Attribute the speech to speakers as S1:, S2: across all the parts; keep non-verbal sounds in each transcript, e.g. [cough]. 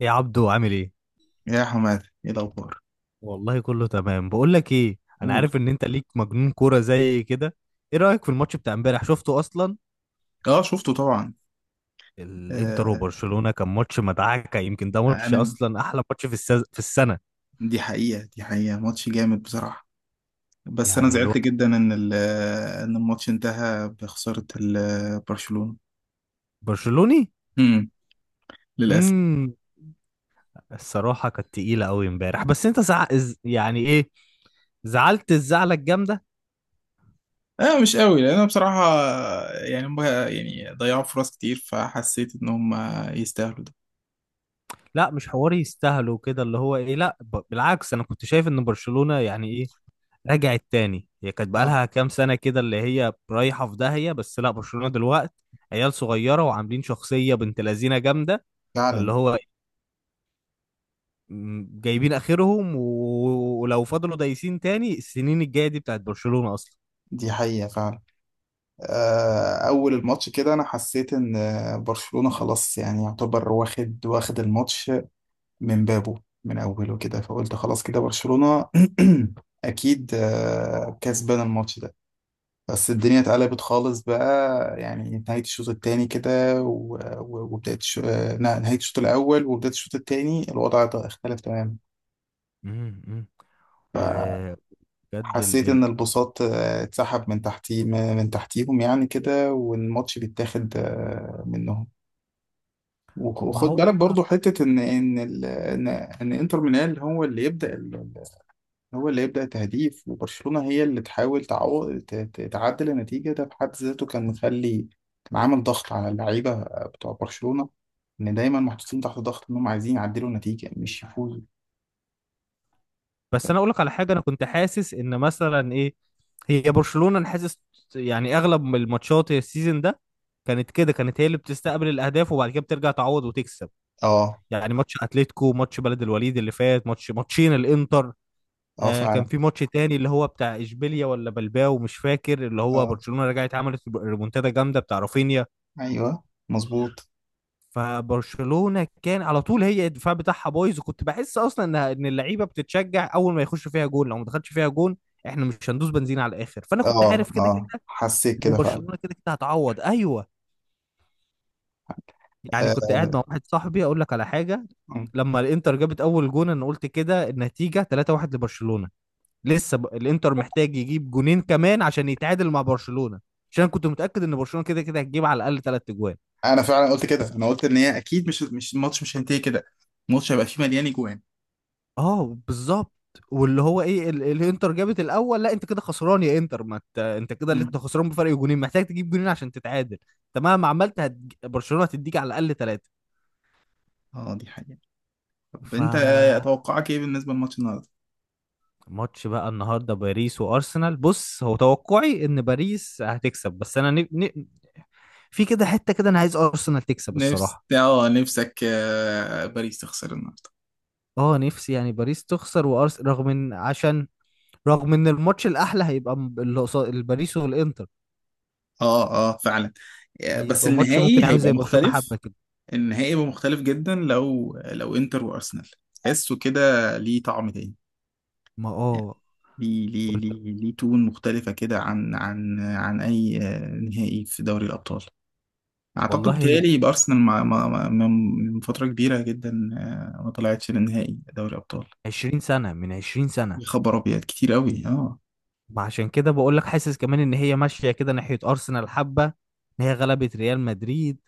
S1: يا عبدو عامل ايه؟
S2: يا حماد ايه الاخبار؟
S1: والله كله تمام. بقول لك ايه، انا
S2: قول.
S1: عارف ان انت ليك مجنون كوره زي كده. ايه رايك في الماتش بتاع امبارح؟ شفته اصلا؟
S2: اه شفته طبعا.
S1: الانتر
S2: آه
S1: وبرشلونه كان ماتش مدعكه، يمكن ده ماتش
S2: انا
S1: اصلا احلى ماتش في في السنه.
S2: دي حقيقة دي حقيقة ماتش جامد بصراحة. بس انا
S1: يعني
S2: زعلت
S1: الواحد
S2: جدا ان الماتش انتهى بخسارة برشلونة.
S1: برشلوني.
S2: امم للاسف.
S1: امم الصراحه كانت تقيله قوي امبارح، بس انت يعني ايه، زعلت الزعلة الجامدة.
S2: اه مش قوي لان انا بصراحة، يعني هم يعني ضيعوا فرص كتير فحسيت ان هم يستاهلوا ده.
S1: لا، مش حواري يستاهلوا كده، اللي هو ايه، لا، بالعكس، انا كنت شايف ان برشلونة يعني ايه، رجعت تاني. هي كانت
S2: اه
S1: بقالها كام سنة كده اللي هي رايحة في داهية، بس لا، برشلونة دلوقتي عيال صغيرة وعاملين شخصية بنت لذينة جامدة.
S2: فعلا،
S1: فاللي هو جايبين آخرهم، ولو فضلوا دايسين تاني، السنين الجاية دي بتاعت برشلونة أصلا.
S2: دي حقيقة فعلا. أول الماتش كده أنا حسيت إن برشلونة خلاص يعني يعتبر واخد الماتش من بابه، من أوله كده، فقلت خلاص كده برشلونة [clears throat] أكيد كسبان الماتش ده. بس الدنيا اتقلبت خالص بقى، يعني نهاية الشوط التاني كده وبداية الش- آه، نهاية الشوط الأول وبداية الشوط التاني الوضع اختلف تماما.
S1: مم، مم. وبجد ال...
S2: حسيت
S1: ال-
S2: ان البساط اتسحب من تحتيهم يعني كده، والماتش بيتاخد منهم.
S1: ما
S2: وخد
S1: هو
S2: بالك برضو حتة ان ان ال- ان ان انتر ميلان هو اللي يبدأ، هو اللي يبدأ تهديف، وبرشلونة هي اللي تحاول تعدل النتيجة. ده في حد ذاته كان كان عامل ضغط على اللعيبة بتوع برشلونة، إن دايما محطوطين تحت ضغط إنهم عايزين يعدلوا النتيجة مش يفوزوا.
S1: بس أنا أقول لك على حاجة، أنا كنت حاسس إن مثلا إيه، هي برشلونة، أنا حاسس يعني أغلب الماتشات السيزون ده كانت كده، كانت هي اللي بتستقبل الأهداف وبعد كده بترجع تعوض وتكسب.
S2: اه
S1: يعني ماتش اتلتيكو، ماتش بلد الوليد اللي فات، ماتش ماتشين الانتر،
S2: اه
S1: آه كان
S2: فعلا.
S1: في ماتش تاني اللي هو بتاع اشبيليا ولا بلباو مش فاكر، اللي هو
S2: اه
S1: برشلونة رجعت عملت ريمونتادا جامدة بتاع رافينيا.
S2: ايوه مظبوط.
S1: فبرشلونة كان على طول هي الدفاع بتاعها بايظ، وكنت بحس اصلا ان اللعيبة بتتشجع اول ما يخش فيها جون. لو ما دخلش فيها جون احنا مش هندوس بنزين على الاخر، فانا كنت
S2: اه
S1: عارف كده
S2: اه
S1: كده
S2: حسيت
S1: ان
S2: كده فعلا.
S1: برشلونة كده كده هتعوض. ايوه، يعني
S2: آه.
S1: كنت قاعد مع واحد صاحبي. اقول لك على حاجة،
S2: م.
S1: لما الانتر جابت اول جون انا قلت كده النتيجة 3-1 لبرشلونة. الانتر محتاج يجيب جونين كمان عشان يتعادل مع برشلونة، عشان كنت متأكد ان برشلونة كده كده هتجيب على الاقل ثلاث اجوان.
S2: انا فعلا قلت كده، انا قلت ان هي اكيد مش الماتش مش هينتهي كده، الماتش هيبقى فيه مليان اجوان.
S1: اه بالظبط. واللي هو ايه، الانتر جابت الاول، لا انت كده خسران يا انتر، ما ت... انت كده، اللي
S2: م.
S1: انت خسران بفرق جونين، محتاج تجيب جونين عشان تتعادل. انت مهما عملت برشلونة هتديك على الاقل ثلاثة.
S2: اه دي حقيقة. طب
S1: ف
S2: انت توقعك ايه بالنسبة للماتش النهارده؟
S1: ماتش بقى النهارده باريس وارسنال. بص، هو توقعي ان باريس هتكسب، بس انا في كده حته كده انا عايز ارسنال تكسب
S2: نفس،
S1: الصراحه.
S2: اه نفسك باريس تخسر النهارده؟
S1: اه، نفسي يعني باريس تخسر وارس، رغم ان، عشان رغم ان الماتش الاحلى هيبقى اللي قصاد الباريس والانتر،
S2: اه اه فعلا. بس
S1: هيبقى ماتش
S2: النهائي
S1: ممكن عامل
S2: هيبقى
S1: زي برشلونة
S2: مختلف.
S1: حبة كده.
S2: النهائي هيبقى مختلف جدا لو انتر وارسنال. تحسه كده، ليه طعم تاني.
S1: ما
S2: يعني
S1: اه،
S2: ليه تون مختلفة كده عن أي نهائي في دوري الأبطال. أعتقد
S1: والله هي
S2: بيتهيألي يبقى أرسنال من فترة كبيرة جدا ما طلعتش للنهائي دوري الأبطال.
S1: 20 سنة، من 20 سنة.
S2: يا خبر أبيض، كتير أوي اه.
S1: ما عشان كده بقول لك، حاسس كمان ان هي ماشية كده ناحية ارسنال حبة، ان هي غلبت ريال مدريد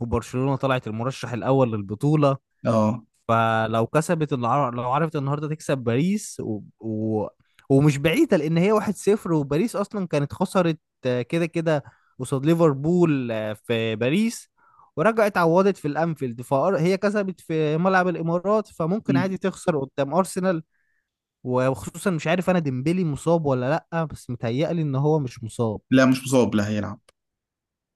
S1: وبرشلونة طلعت المرشح الاول للبطولة.
S2: اه
S1: فلو لو عرفت النهارده تكسب باريس ومش بعيده، لان هي 1-0، وباريس اصلا كانت خسرت آه، كده كده قصاد ليفربول آه، في باريس، ورجعت عوضت في الانفيلد، فهي كسبت في ملعب الامارات، فممكن عادي
S2: مم.
S1: تخسر قدام ارسنال. وخصوصا مش عارف انا ديمبلي مصاب ولا لا، بس متهيألي ان هو مش مصاب.
S2: لا مش مصاب، لا هيلعب.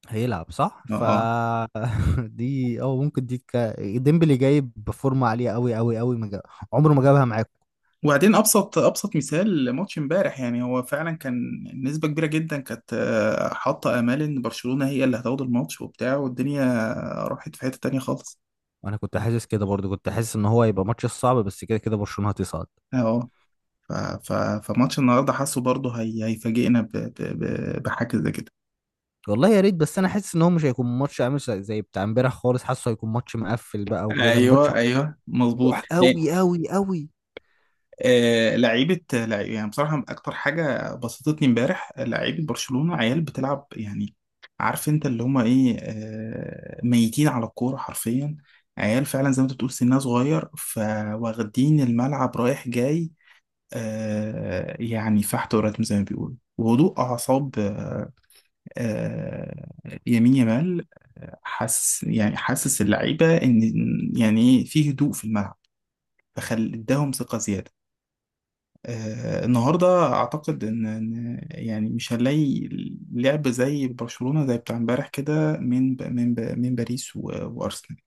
S1: هيلعب صح.
S2: اه آه.
S1: [laughs] دي او ممكن ديمبلي جايب بفورمه عاليه قوي قوي قوي. ما جا- عمره ما جابها معاكم.
S2: وبعدين ابسط مثال ماتش امبارح، يعني هو فعلا كان نسبه كبيره جدا كانت حاطه امال ان برشلونه هي اللي هتاخد الماتش وبتاع، والدنيا راحت في حته تانية خالص.
S1: انا كنت حاسس كده برضو، كنت حاسس ان هو هيبقى ماتش صعب، بس كده كده برشلونة هتصعد.
S2: اه ف- ف- فماتش النهارده حاسه برضه هي هيفاجئنا بحاجه زي كده.
S1: والله يا ريت، بس انا حاسس ان هو مش هيكون ماتش عامل زي زي بتاع امبارح خالص، حاسه هيكون ماتش مقفل بقى، وكده ماتش
S2: ايوه ايوه مظبوط.
S1: مفتوح قوي قوي قوي.
S2: يعني بصراحة أكتر حاجة بسطتني امبارح لعيبة برشلونة، عيال بتلعب، يعني عارف أنت اللي هما إيه ميتين على الكورة حرفيا. عيال فعلا زي ما أنت بتقول سنها صغير، فواخدين الملعب رايح جاي. يعني فحت وراتم زي ما بيقولوا، وهدوء أعصاب. آه، يمين يمال. حاسس، يعني حاسس اللعيبة إن يعني إيه في هدوء في الملعب، فخل اداهم ثقة زيادة. النهارده اعتقد إن يعني مش هنلاقي لعب زي برشلونة زي بتاع امبارح كده من باريس وارسنال.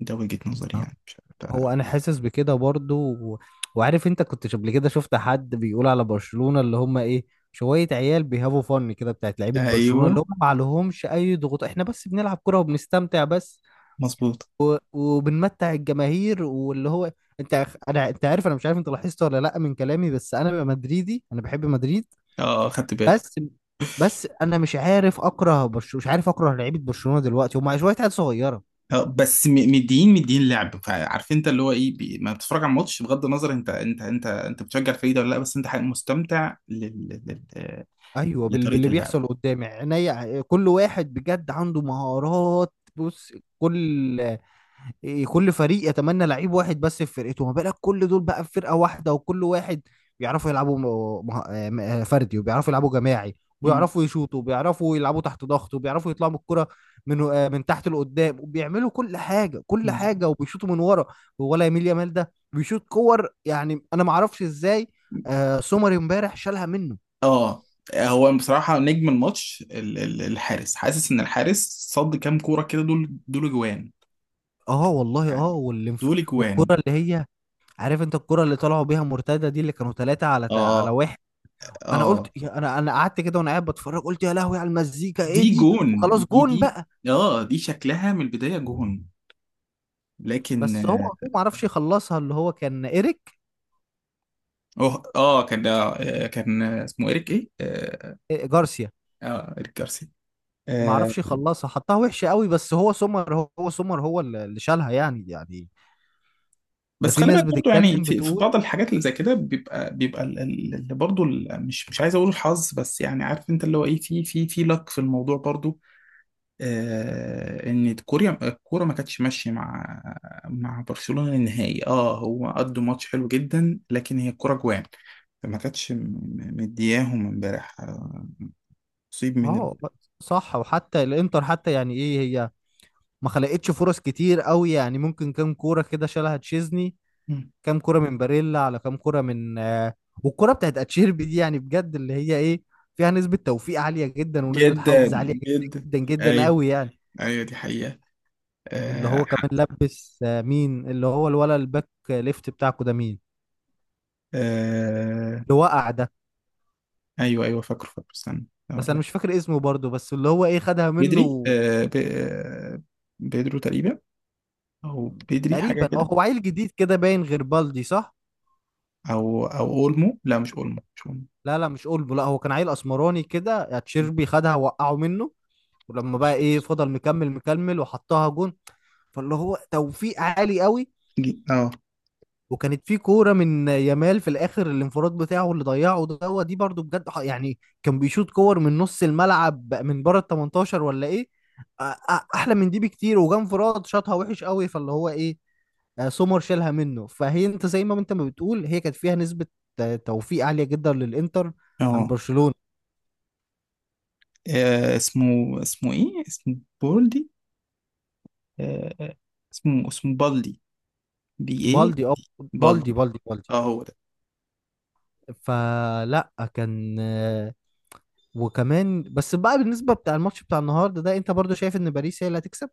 S2: ده وجهة نظري، يعني مش
S1: هو
S2: عارف.
S1: انا حاسس بكده برضو، و... وعارف انت كنت قبل كده شفت حد بيقول على برشلونة اللي هم ايه، شوية عيال بيهافوا فن كده، بتاعت لعيبة برشلونة اللي
S2: ايوه
S1: هم ما عليهمش اي ضغوط، احنا بس بنلعب كرة وبنستمتع بس،
S2: مظبوط.
S1: وبنمتع الجماهير واللي هو، انت عارف، انا مش عارف انت لاحظت ولا لا من كلامي، بس انا ببقى مدريدي، انا بحب مدريد.
S2: اه خدت بالي.
S1: بس بس انا مش عارف اكره برشلونه، مش عارف اكره لعيبه برشلونه دلوقتي، هم شويه عيال صغيره.
S2: اه بس مدين لعب. فعارف انت اللي هو ايه ما بتتفرج على الماتش بغض النظر انت بتشجع الفريق ده ولا لا، بس انت حقيقة مستمتع
S1: ايوه،
S2: لطريقة
S1: باللي
S2: اللعب.
S1: بيحصل قدامي عينيا، كل واحد بجد عنده مهارات. بص، كل كل فريق يتمنى لعيب واحد بس في فرقته، ما بالك كل دول بقى في فرقه واحده، وكل واحد بيعرفوا يلعبوا فردي، وبيعرفوا يلعبوا جماعي،
S2: مم.
S1: وبيعرفوا يشوطوا، وبيعرفوا يلعبوا تحت ضغط، وبيعرفوا يطلعوا بالكرة من من تحت لقدام، وبيعملوا كل حاجه كل
S2: مظبوط.
S1: حاجه، وبيشوطوا من ورا. ولا يميل يامال ده بيشوط كور يعني انا ما اعرفش ازاي. آه، سومر امبارح شالها منه.
S2: اه هو بصراحة نجم الماتش الحارس. حاسس ان الحارس صد كام كورة كده، دول دول جوان
S1: اه والله، اه،
S2: يعني، دول جوان.
S1: والكرة اللي هي، عارف انت الكرة اللي طلعوا بيها مرتدة دي اللي كانوا ثلاثة على على
S2: اه
S1: واحد، انا قلت
S2: اه،
S1: انا قعدت كده وانا قاعد بتفرج، قلت يا لهوي على المزيكا ايه
S2: دي
S1: دي،
S2: جون،
S1: وخلاص
S2: دي
S1: جون
S2: دي
S1: بقى.
S2: اه دي شكلها من البداية جون. لكن
S1: بس هو، ما عرفش يخلصها، اللي هو كان ايريك،
S2: اه اه كان آه كان اسمه اريك ايه اه,
S1: إيه، جارسيا.
S2: آه اريك جارسيا.
S1: ما
S2: آه
S1: عرفش يخلصها، حطها وحشة قوي، بس هو سومر، هو هو سومر هو اللي شالها يعني يعني. ده
S2: بس
S1: في
S2: خلي بالك
S1: ناس
S2: برضه يعني
S1: بتتكلم
S2: في, في
S1: بتقول.
S2: بعض الحاجات اللي زي كده بيبقى مش مش عايز اقول الحظ، بس يعني عارف انت اللي هو ايه في لك في الموضوع برضه. ان كوريا الكوره ما كانتش ماشيه مع برشلونه النهائي. اه هو قدوا ماتش حلو جدا، لكن هي الكوره جوان ما كانتش مدياهم امبارح. نصيب من ال...
S1: اه صح، وحتى الانتر حتى يعني ايه هي ما خلقتش فرص كتير قوي يعني، ممكن كام كورة كده شالها تشيزني،
S2: مم.
S1: كام كرة من باريلا، على كام كرة من آه، والكرة بتاعت اتشيربي دي يعني بجد اللي هي ايه، فيها نسبة توفيق عالية جدا، ونسبة
S2: جدا
S1: حظ عالية
S2: جدا.
S1: جدا جدا جدا
S2: ايوه
S1: قوي يعني.
S2: ايوه دي حقيقه.
S1: اللي
S2: آه
S1: هو
S2: ح-
S1: كمان لبس آه، مين اللي هو، الولا الباك ليفت بتاعكو ده مين،
S2: آه
S1: اللي وقع ده.
S2: ايوه ايوه فاكره، استنى
S1: بس
S2: اقول
S1: انا
S2: لك.
S1: مش فاكر اسمه برضه، بس اللي هو ايه خدها
S2: بدري
S1: منه
S2: آه ب... آه، بيدرو تقريبا، او بدري حاجه
S1: تقريبا. اه،
S2: كده.
S1: هو عيل جديد كده باين غير بالدي صح.
S2: او او اولمو، لا مش اولمو، مش اولمو.
S1: لا لا مش اولبو، لا هو كان عيل اسمراني كده، اتشيربي خدها وقعه منه، ولما
S2: مش
S1: بقى ايه
S2: فاكر.
S1: فضل مكمل مكمل وحطها جون. فاللي هو توفيق عالي قوي.
S2: اه
S1: وكانت في كوره من يامال في الاخر، الانفراد بتاعه اللي ضيعه دوت دي برضو بجد، يعني كان بيشوط كور من نص الملعب من بره ال 18 ولا ايه، احلى من دي بكتير، وجا انفراد شاطها وحش قوي. فاللي هو ايه، آه، سومر شالها منه. فهي انت زي ما انت ما بتقول، هي كانت فيها نسبة آه، توفيق عالية جدا للانتر عن
S2: اه
S1: برشلونة.
S2: آه اسمه اسمه ايه اسمه بولدي. آه اسمه بالدي. بي ايه
S1: بالدي، اه،
S2: دي،
S1: بالدي
S2: بالدي.
S1: بالدي بالدي.
S2: اه هو ده.
S1: فلا كان آه، وكمان بس بقى، بالنسبة بتاع الماتش بتاع النهارده ده، انت برضو شايف ان باريس هي اللي هتكسب،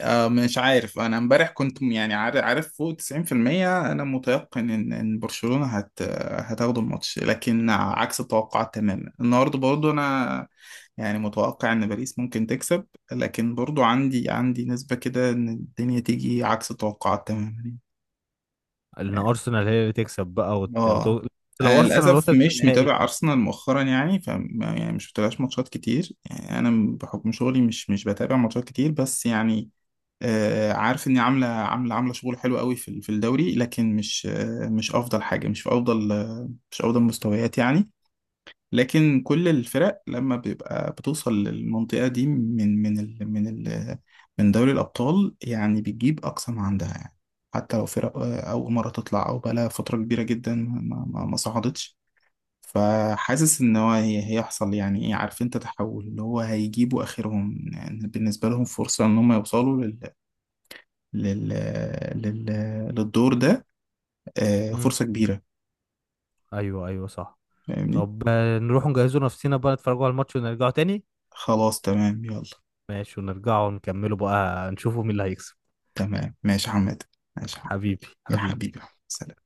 S2: آه مش عارف، انا امبارح كنت يعني عارف فوق 90% انا متيقن ان برشلونة هتاخد الماتش. لكن عكس التوقعات تماما. النهارده برضو انا يعني متوقع ان باريس ممكن تكسب، لكن برضو عندي نسبة كده ان الدنيا تيجي عكس التوقعات تماما.
S1: ان ارسنال هي اللي تكسب بقى
S2: اه.
S1: لو
S2: انا
S1: ارسنال
S2: للاسف
S1: وصلت
S2: مش
S1: للنهائي.
S2: متابع ارسنال مؤخرا يعني، ف يعني مش متابعش ماتشات كتير يعني، انا بحكم شغلي مش بتابع ماتشات كتير. بس يعني آه عارف اني عامله شغل حلو قوي في في الدوري، لكن مش آه مش افضل حاجه، مش في افضل آه مش افضل مستويات يعني. لكن كل الفرق لما بيبقى بتوصل للمنطقة دي من من ال من ال من دوري الأبطال يعني بتجيب أقصى ما عندها يعني. حتى لو فرق أول مرة تطلع، أو بقالها فترة كبيرة جدا ما صعدتش. فحاسس إن هيحصل يعني إيه، عارف أنت تحول اللي هو هيجيبوا آخرهم يعني، بالنسبة لهم فرصة إن هم يوصلوا لل لل لل للدور ده
S1: امم،
S2: فرصة كبيرة.
S1: ايوه ايوه صح.
S2: فاهمني.
S1: طب آه، نروح نجهزوا نفسنا بقى نتفرجوا على الماتش ونرجعوا تاني.
S2: خلاص تمام يلا.
S1: ماشي، ونرجعوا نكملوا بقى، نشوفوا مين اللي هيكسب.
S2: تمام ماشي يا حماد. ماشي يا حماد.
S1: حبيبي
S2: يا
S1: حبيبي.
S2: حبيبي. سلام.